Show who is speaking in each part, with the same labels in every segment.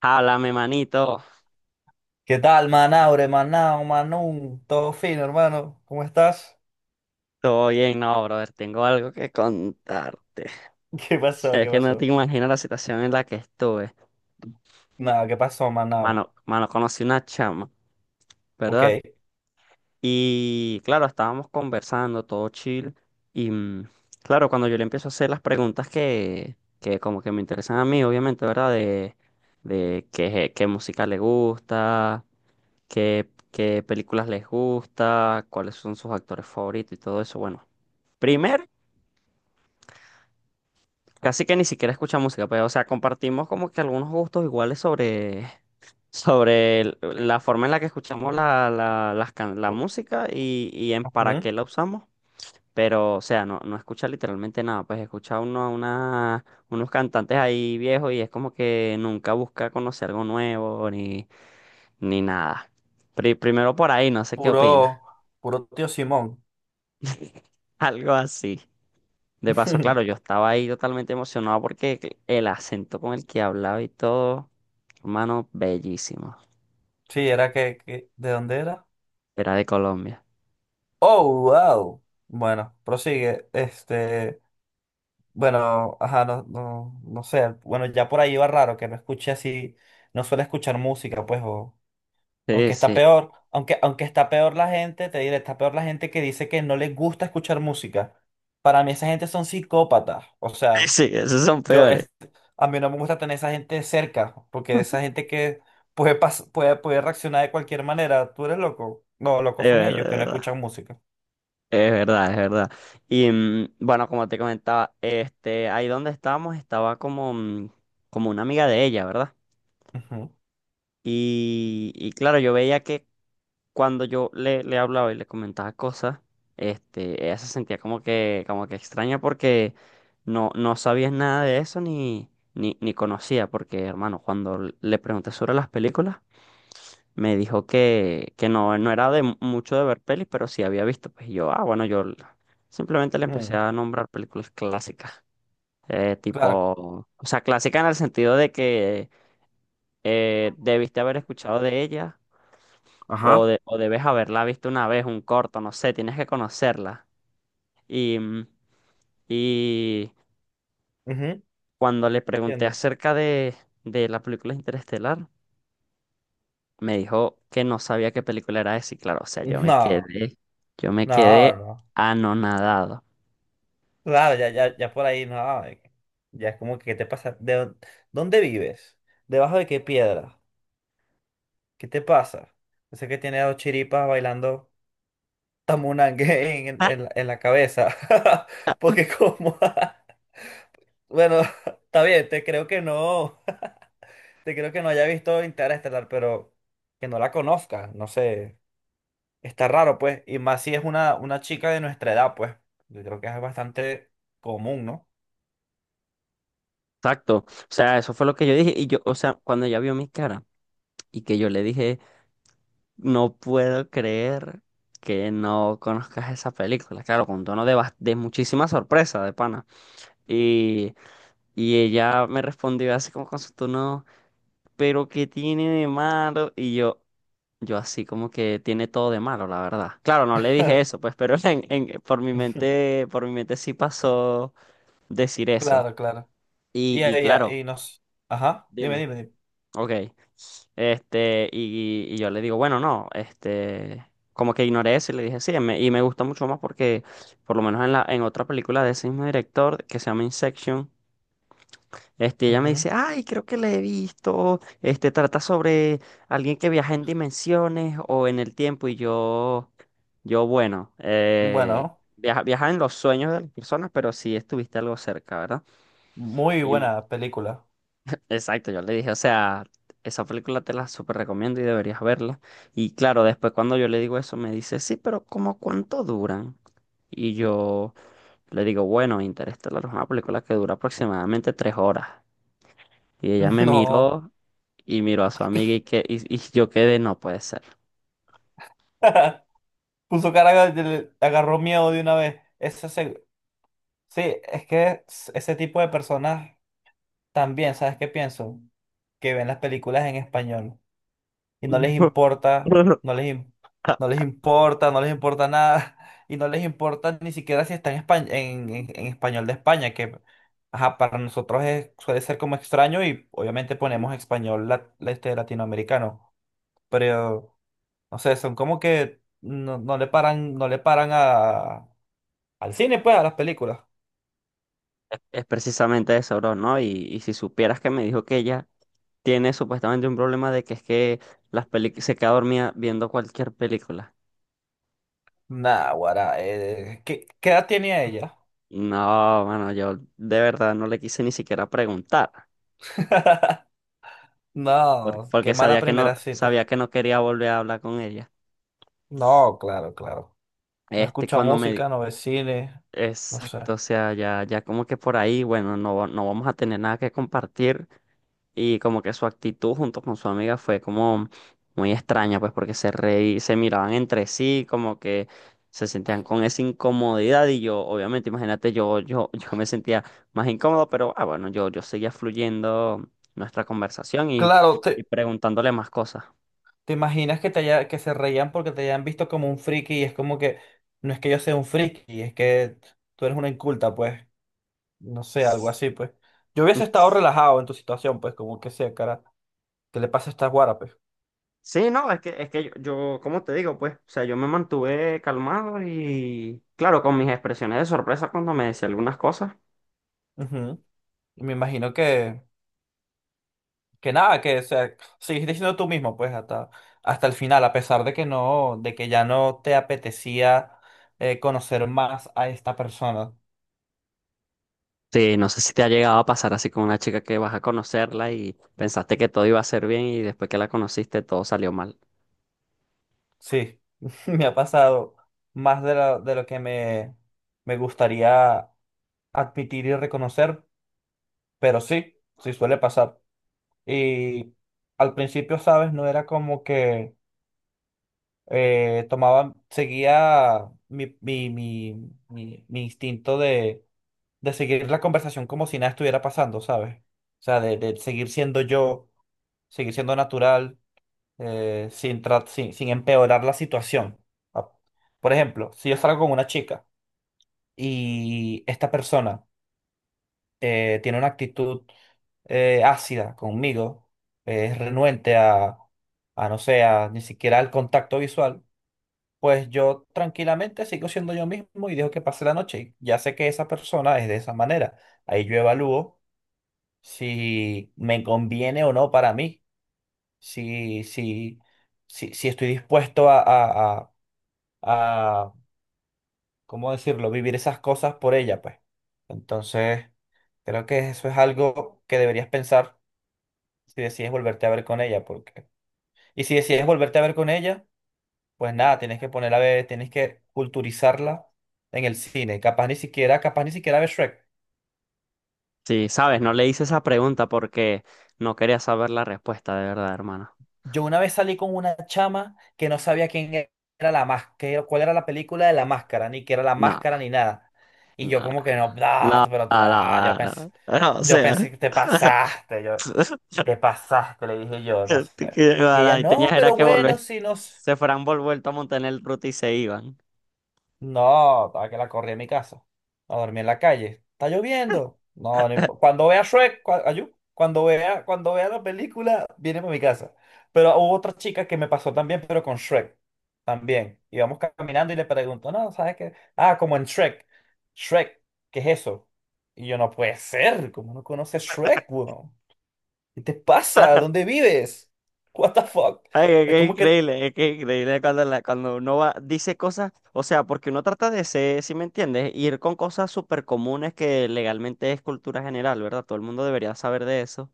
Speaker 1: Háblame, manito.
Speaker 2: ¿Qué tal, Manaure, Manao, Manun? Todo fino, hermano. ¿Cómo estás?
Speaker 1: Todo bien, no, brother. Tengo algo que contarte.
Speaker 2: ¿Qué pasó?
Speaker 1: Es
Speaker 2: ¿Qué
Speaker 1: que no te
Speaker 2: pasó?
Speaker 1: imaginas la situación en la que estuve.
Speaker 2: Nada, ¿qué pasó, Manao?
Speaker 1: Mano, conocí una chama, ¿verdad?
Speaker 2: Ok.
Speaker 1: Y claro, estábamos conversando, todo chill. Y mm, claro, cuando yo le empiezo a hacer las preguntas que como que me interesan a mí, obviamente, ¿verdad? De qué, qué música le gusta, qué, qué películas les gusta, cuáles son sus actores favoritos y todo eso. Bueno. Primero. Casi que ni siquiera escucha música, pero, o sea, compartimos como que algunos gustos iguales sobre, sobre la forma en la que escuchamos la
Speaker 2: O-
Speaker 1: música y en para qué
Speaker 2: ujú.
Speaker 1: la usamos. Pero, o sea, no escucha literalmente nada. Pues escucha unos cantantes ahí viejos y es como que nunca busca conocer algo nuevo ni, ni nada. Primero por ahí, no sé qué opina.
Speaker 2: Puro, puro tío Simón.
Speaker 1: Algo así. De paso, claro, yo estaba ahí totalmente emocionado porque el acento con el que hablaba y todo, hermano, bellísimo.
Speaker 2: Sí, era ¿de dónde era?
Speaker 1: Era de Colombia.
Speaker 2: Oh, wow. Bueno, prosigue. Este, bueno, ajá, no sé. Bueno, ya por ahí iba raro que no escuché así, no suele escuchar música, pues.
Speaker 1: Sí,
Speaker 2: Aunque está
Speaker 1: sí,
Speaker 2: peor, aunque está peor la gente, te diré, está peor la gente que dice que no les gusta escuchar música. Para mí esa gente son psicópatas. O
Speaker 1: sí,
Speaker 2: sea,
Speaker 1: sí, esos son
Speaker 2: yo
Speaker 1: peores.
Speaker 2: es, a mí no me gusta tener esa gente cerca, porque esa gente que puede reaccionar de cualquier manera. Tú eres loco. No,
Speaker 1: Es
Speaker 2: locos son ellos que no
Speaker 1: verdad,
Speaker 2: escuchan música.
Speaker 1: es verdad, es verdad. Bueno, como te comentaba, este, ahí donde estábamos estaba como, como una amiga de ella, ¿verdad?
Speaker 2: Ujú,
Speaker 1: Y claro, yo veía que cuando yo le hablaba y le comentaba cosas, este, ella se sentía como que extraña porque no sabía nada de eso ni, ni conocía, porque hermano, cuando le pregunté sobre las películas, me dijo que no, no era de mucho de ver pelis, pero sí había visto. Pues y yo, ah, bueno, simplemente le empecé
Speaker 2: mm,
Speaker 1: a nombrar películas clásicas. Eh,
Speaker 2: claro.
Speaker 1: tipo, o sea, clásica en el sentido de que debiste haber escuchado de ella o debes haberla visto una vez, un corto, no sé, tienes que conocerla. Y, mm, y
Speaker 2: Ujú,
Speaker 1: cuando le pregunté
Speaker 2: entiendo.
Speaker 1: acerca de la película Interestelar, me dijo que no sabía qué película era esa. Y claro, o sea,
Speaker 2: No,
Speaker 1: yo me
Speaker 2: no,
Speaker 1: quedé
Speaker 2: no.
Speaker 1: anonadado.
Speaker 2: Claro, ya, ya, ya por ahí, no. Ya es como que, ¿qué te pasa? ¿Dónde vives? ¿Debajo de qué piedra? ¿Qué te pasa? Yo sé que tiene dos chiripas bailando tamunangue en,
Speaker 1: Ah.
Speaker 2: en, la en la cabeza. Porque como. Bueno, está bien, te creo que no. Te creo que no haya visto Interestelar, pero que no la conozca. No sé. Está raro, pues. Y más si es una chica de nuestra edad, pues. Yo creo que es bastante común, ¿no?
Speaker 1: Exacto. O sea, eso fue lo que yo dije. Y yo, o sea, cuando ella vio mi cara y que yo le dije, no puedo creer que no conozcas esa película. Claro, con tono de, de muchísima sorpresa, de pana. Y ella me respondió así como con su tono, pero ¿qué tiene de malo? Y yo así como que tiene todo de malo, la verdad. Claro, no le dije eso, pues, pero en, por mi mente sí pasó decir eso.
Speaker 2: Claro, claro. Y,
Speaker 1: Y
Speaker 2: ella,
Speaker 1: claro,
Speaker 2: y nos. Ajá, dime,
Speaker 1: dime,
Speaker 2: dime, dime.
Speaker 1: ok, este, y yo le digo, bueno, no, este, como que ignoré eso y le dije, sí, y me gustó mucho más porque, por lo menos en en otra película de ese mismo director, que se llama Inception. Este, ella me dice, ay, creo que la he visto. Este trata sobre alguien que viaja en dimensiones o en el tiempo. Y yo, bueno,
Speaker 2: Ujú. Bueno,
Speaker 1: viaja en los sueños de las personas, pero sí estuviste algo cerca, ¿verdad?
Speaker 2: muy
Speaker 1: Y mm,
Speaker 2: buena película.
Speaker 1: exacto, yo le dije, o sea, esa película te la súper recomiendo y deberías verla. Y claro, después cuando yo le digo eso, me dice, sí, pero ¿cómo cuánto duran? Y yo le digo, bueno, Interestelar es una película que dura aproximadamente tres horas. Y ella me
Speaker 2: No.
Speaker 1: miró y miró a su amiga y, que, y yo quedé, no puede ser.
Speaker 2: Puso cara le agarró miedo de una vez. Sí, es que ese tipo de personas también, ¿sabes qué pienso? Que ven las películas en español y no les, im-
Speaker 1: Es,
Speaker 2: no les importa, no les importa nada, y no les importa ni siquiera si está en español de España, que ajá, para nosotros suele ser como extraño y obviamente ponemos español este, latinoamericano, pero no sé, son como que no le paran, no le paran a al cine, pues, a las películas.
Speaker 1: es precisamente eso, bro, ¿no? Y si supieras que me dijo que ella tiene supuestamente un problema de que es que se queda dormida viendo cualquier película.
Speaker 2: Nah, guará, ¿qué edad tenía ella?
Speaker 1: No, bueno, yo de verdad no le quise ni siquiera preguntar, porque,
Speaker 2: No, qué
Speaker 1: porque
Speaker 2: mala primera cita.
Speaker 1: sabía que no quería volver a hablar con ella.
Speaker 2: No, claro, claro. No
Speaker 1: Este,
Speaker 2: escucha música, no ve cine, no sé.
Speaker 1: Exacto, o sea, ya, ya como que por ahí, bueno, no, no vamos a tener nada que compartir. Y como que su actitud junto con su amiga fue como muy extraña, pues porque se miraban entre sí, como que se sentían con esa incomodidad y yo, obviamente, imagínate, yo me sentía más incómodo, pero ah, bueno, yo seguía fluyendo nuestra conversación
Speaker 2: Claro,
Speaker 1: y
Speaker 2: te,
Speaker 1: preguntándole más cosas.
Speaker 2: te imaginas que que se reían porque te hayan visto como un friki y es como que no es que yo sea un friki, es que tú eres una inculta, pues, no sé, algo así, pues. Yo hubiese estado relajado en tu situación, pues, como que sea, cara, ¿qué le pasa a esta guara, pues?
Speaker 1: Sí, no, es que yo, ¿cómo te digo? Pues, o sea, yo me mantuve calmado y, claro, con mis expresiones de sorpresa cuando me decía algunas cosas.
Speaker 2: Ujú. Y me imagino que nada, que o sea, seguiste siendo tú mismo, pues, hasta, hasta el final, a pesar de que ya no te apetecía conocer más a esta persona.
Speaker 1: Sí, no sé si te ha llegado a pasar así con una chica que vas a conocerla y pensaste que todo iba a ser bien y después que la conociste todo salió mal.
Speaker 2: Sí, me ha pasado más de lo que me gustaría admitir y reconocer, pero sí, sí suele pasar. Y al principio, ¿sabes? No era como que seguía mi instinto de seguir la conversación como si nada estuviera pasando, ¿sabes? O sea, de seguir siendo yo, seguir siendo natural, sin, tra- sin, sin empeorar la situación. Ah, por ejemplo, si yo salgo con una chica y esta persona tiene una actitud ácida conmigo, es renuente a, no sé, a ni siquiera al contacto visual, pues yo tranquilamente sigo siendo yo mismo y dejo que pase la noche. Ya sé que esa persona es de esa manera. Ahí yo evalúo si me conviene o no para mí, si, si, si estoy dispuesto a ¿cómo decirlo?, vivir esas cosas por ella, pues. Entonces, creo que eso es algo que deberías pensar si decides volverte a ver con ella, porque. Y si decides volverte a ver con ella, pues nada, tienes que ponerla a ver, tienes que culturizarla en el cine, capaz ni siquiera ver Shrek.
Speaker 1: Sí, sabes, no le hice esa pregunta porque no quería saber la respuesta de verdad, hermano.
Speaker 2: Yo una vez salí con una chama que no sabía era la máscara, cuál era la película de la máscara, ni qué era la
Speaker 1: No,
Speaker 2: máscara, ni nada. Y
Speaker 1: no,
Speaker 2: yo como que no,
Speaker 1: no, no, no, no, no, o
Speaker 2: yo
Speaker 1: sea,
Speaker 2: pensé que te pasaste, yo, te pasaste, le dije yo, no sé. Y ella,
Speaker 1: bueno, y tenías
Speaker 2: no,
Speaker 1: era
Speaker 2: pero
Speaker 1: que
Speaker 2: bueno,
Speaker 1: volver,
Speaker 2: si no.
Speaker 1: se fueran vuelto a montar en el ruta y se iban.
Speaker 2: No, estaba que la corrí en mi casa. A dormir en la calle. Está lloviendo. No, cuando vea Shrek, cuando vea la película, viene para mi casa. Pero hubo otra chica que me pasó también, pero con Shrek. También. Íbamos caminando y le pregunto, no, ¿sabes qué? Ah, como en Shrek. Shrek, ¿qué es eso? Y yo, no puede ser. ¿Cómo no conoces Shrek, weón? ¿Qué te pasa? ¿Dónde vives? What the fuck?
Speaker 1: Ay, es
Speaker 2: Es
Speaker 1: que es
Speaker 2: como que.
Speaker 1: increíble, es que es increíble cuando, cuando uno va, dice cosas, o sea, porque uno trata de ser, si me entiendes, ir con cosas súper comunes que legalmente es cultura general, ¿verdad? Todo el mundo debería saber de eso.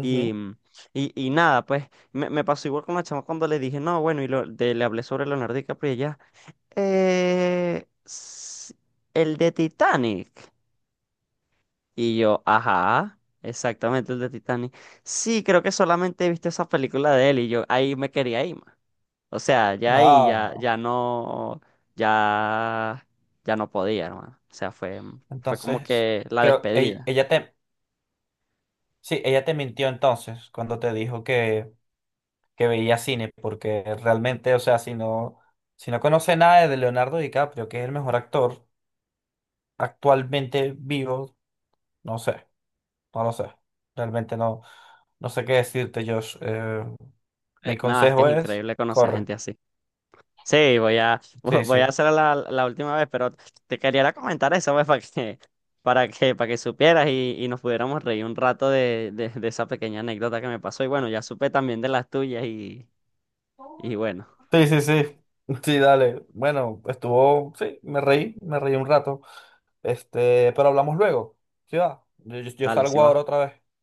Speaker 1: Y, mm, y nada, pues me pasó igual con la chama cuando le dije, no, bueno, y le hablé sobre Leonardo DiCaprio y ella, "Eh, s- el de Titanic". Y yo, ajá, exactamente el de Titanic. Sí, creo que solamente he visto esa película de él y yo ahí me quería ir. O sea, ya
Speaker 2: No,
Speaker 1: ahí ya,
Speaker 2: no.
Speaker 1: ya no, ya, ya no podía, hermano. O sea, fue, fue como
Speaker 2: Entonces,
Speaker 1: que la
Speaker 2: creo, ella,
Speaker 1: despedida.
Speaker 2: ella te. Sí, ella te mintió entonces cuando te dijo que veía cine, porque realmente, o sea, si no conoce nada de Leonardo DiCaprio, que es el mejor actor actualmente vivo, no sé, no lo sé. Realmente no, no sé qué decirte, Josh. Mi
Speaker 1: Nada, es que es
Speaker 2: consejo es,
Speaker 1: increíble conocer a
Speaker 2: corre.
Speaker 1: gente así. Sí, voy a,
Speaker 2: Sí,
Speaker 1: voy a
Speaker 2: sí.
Speaker 1: hacer la, la última vez, pero te quería era comentar eso, pues, para que, para que, para que supieras y nos pudiéramos reír un rato de esa pequeña anécdota que me pasó. Y bueno, ya supe también de las tuyas y bueno,
Speaker 2: Sí, sí, sí. Sí, dale. Bueno, estuvo, sí, me reí un rato. Este, pero hablamos luego. Sí, va. Yo
Speaker 1: dale, sí
Speaker 2: salgo ahora
Speaker 1: va.
Speaker 2: otra vez.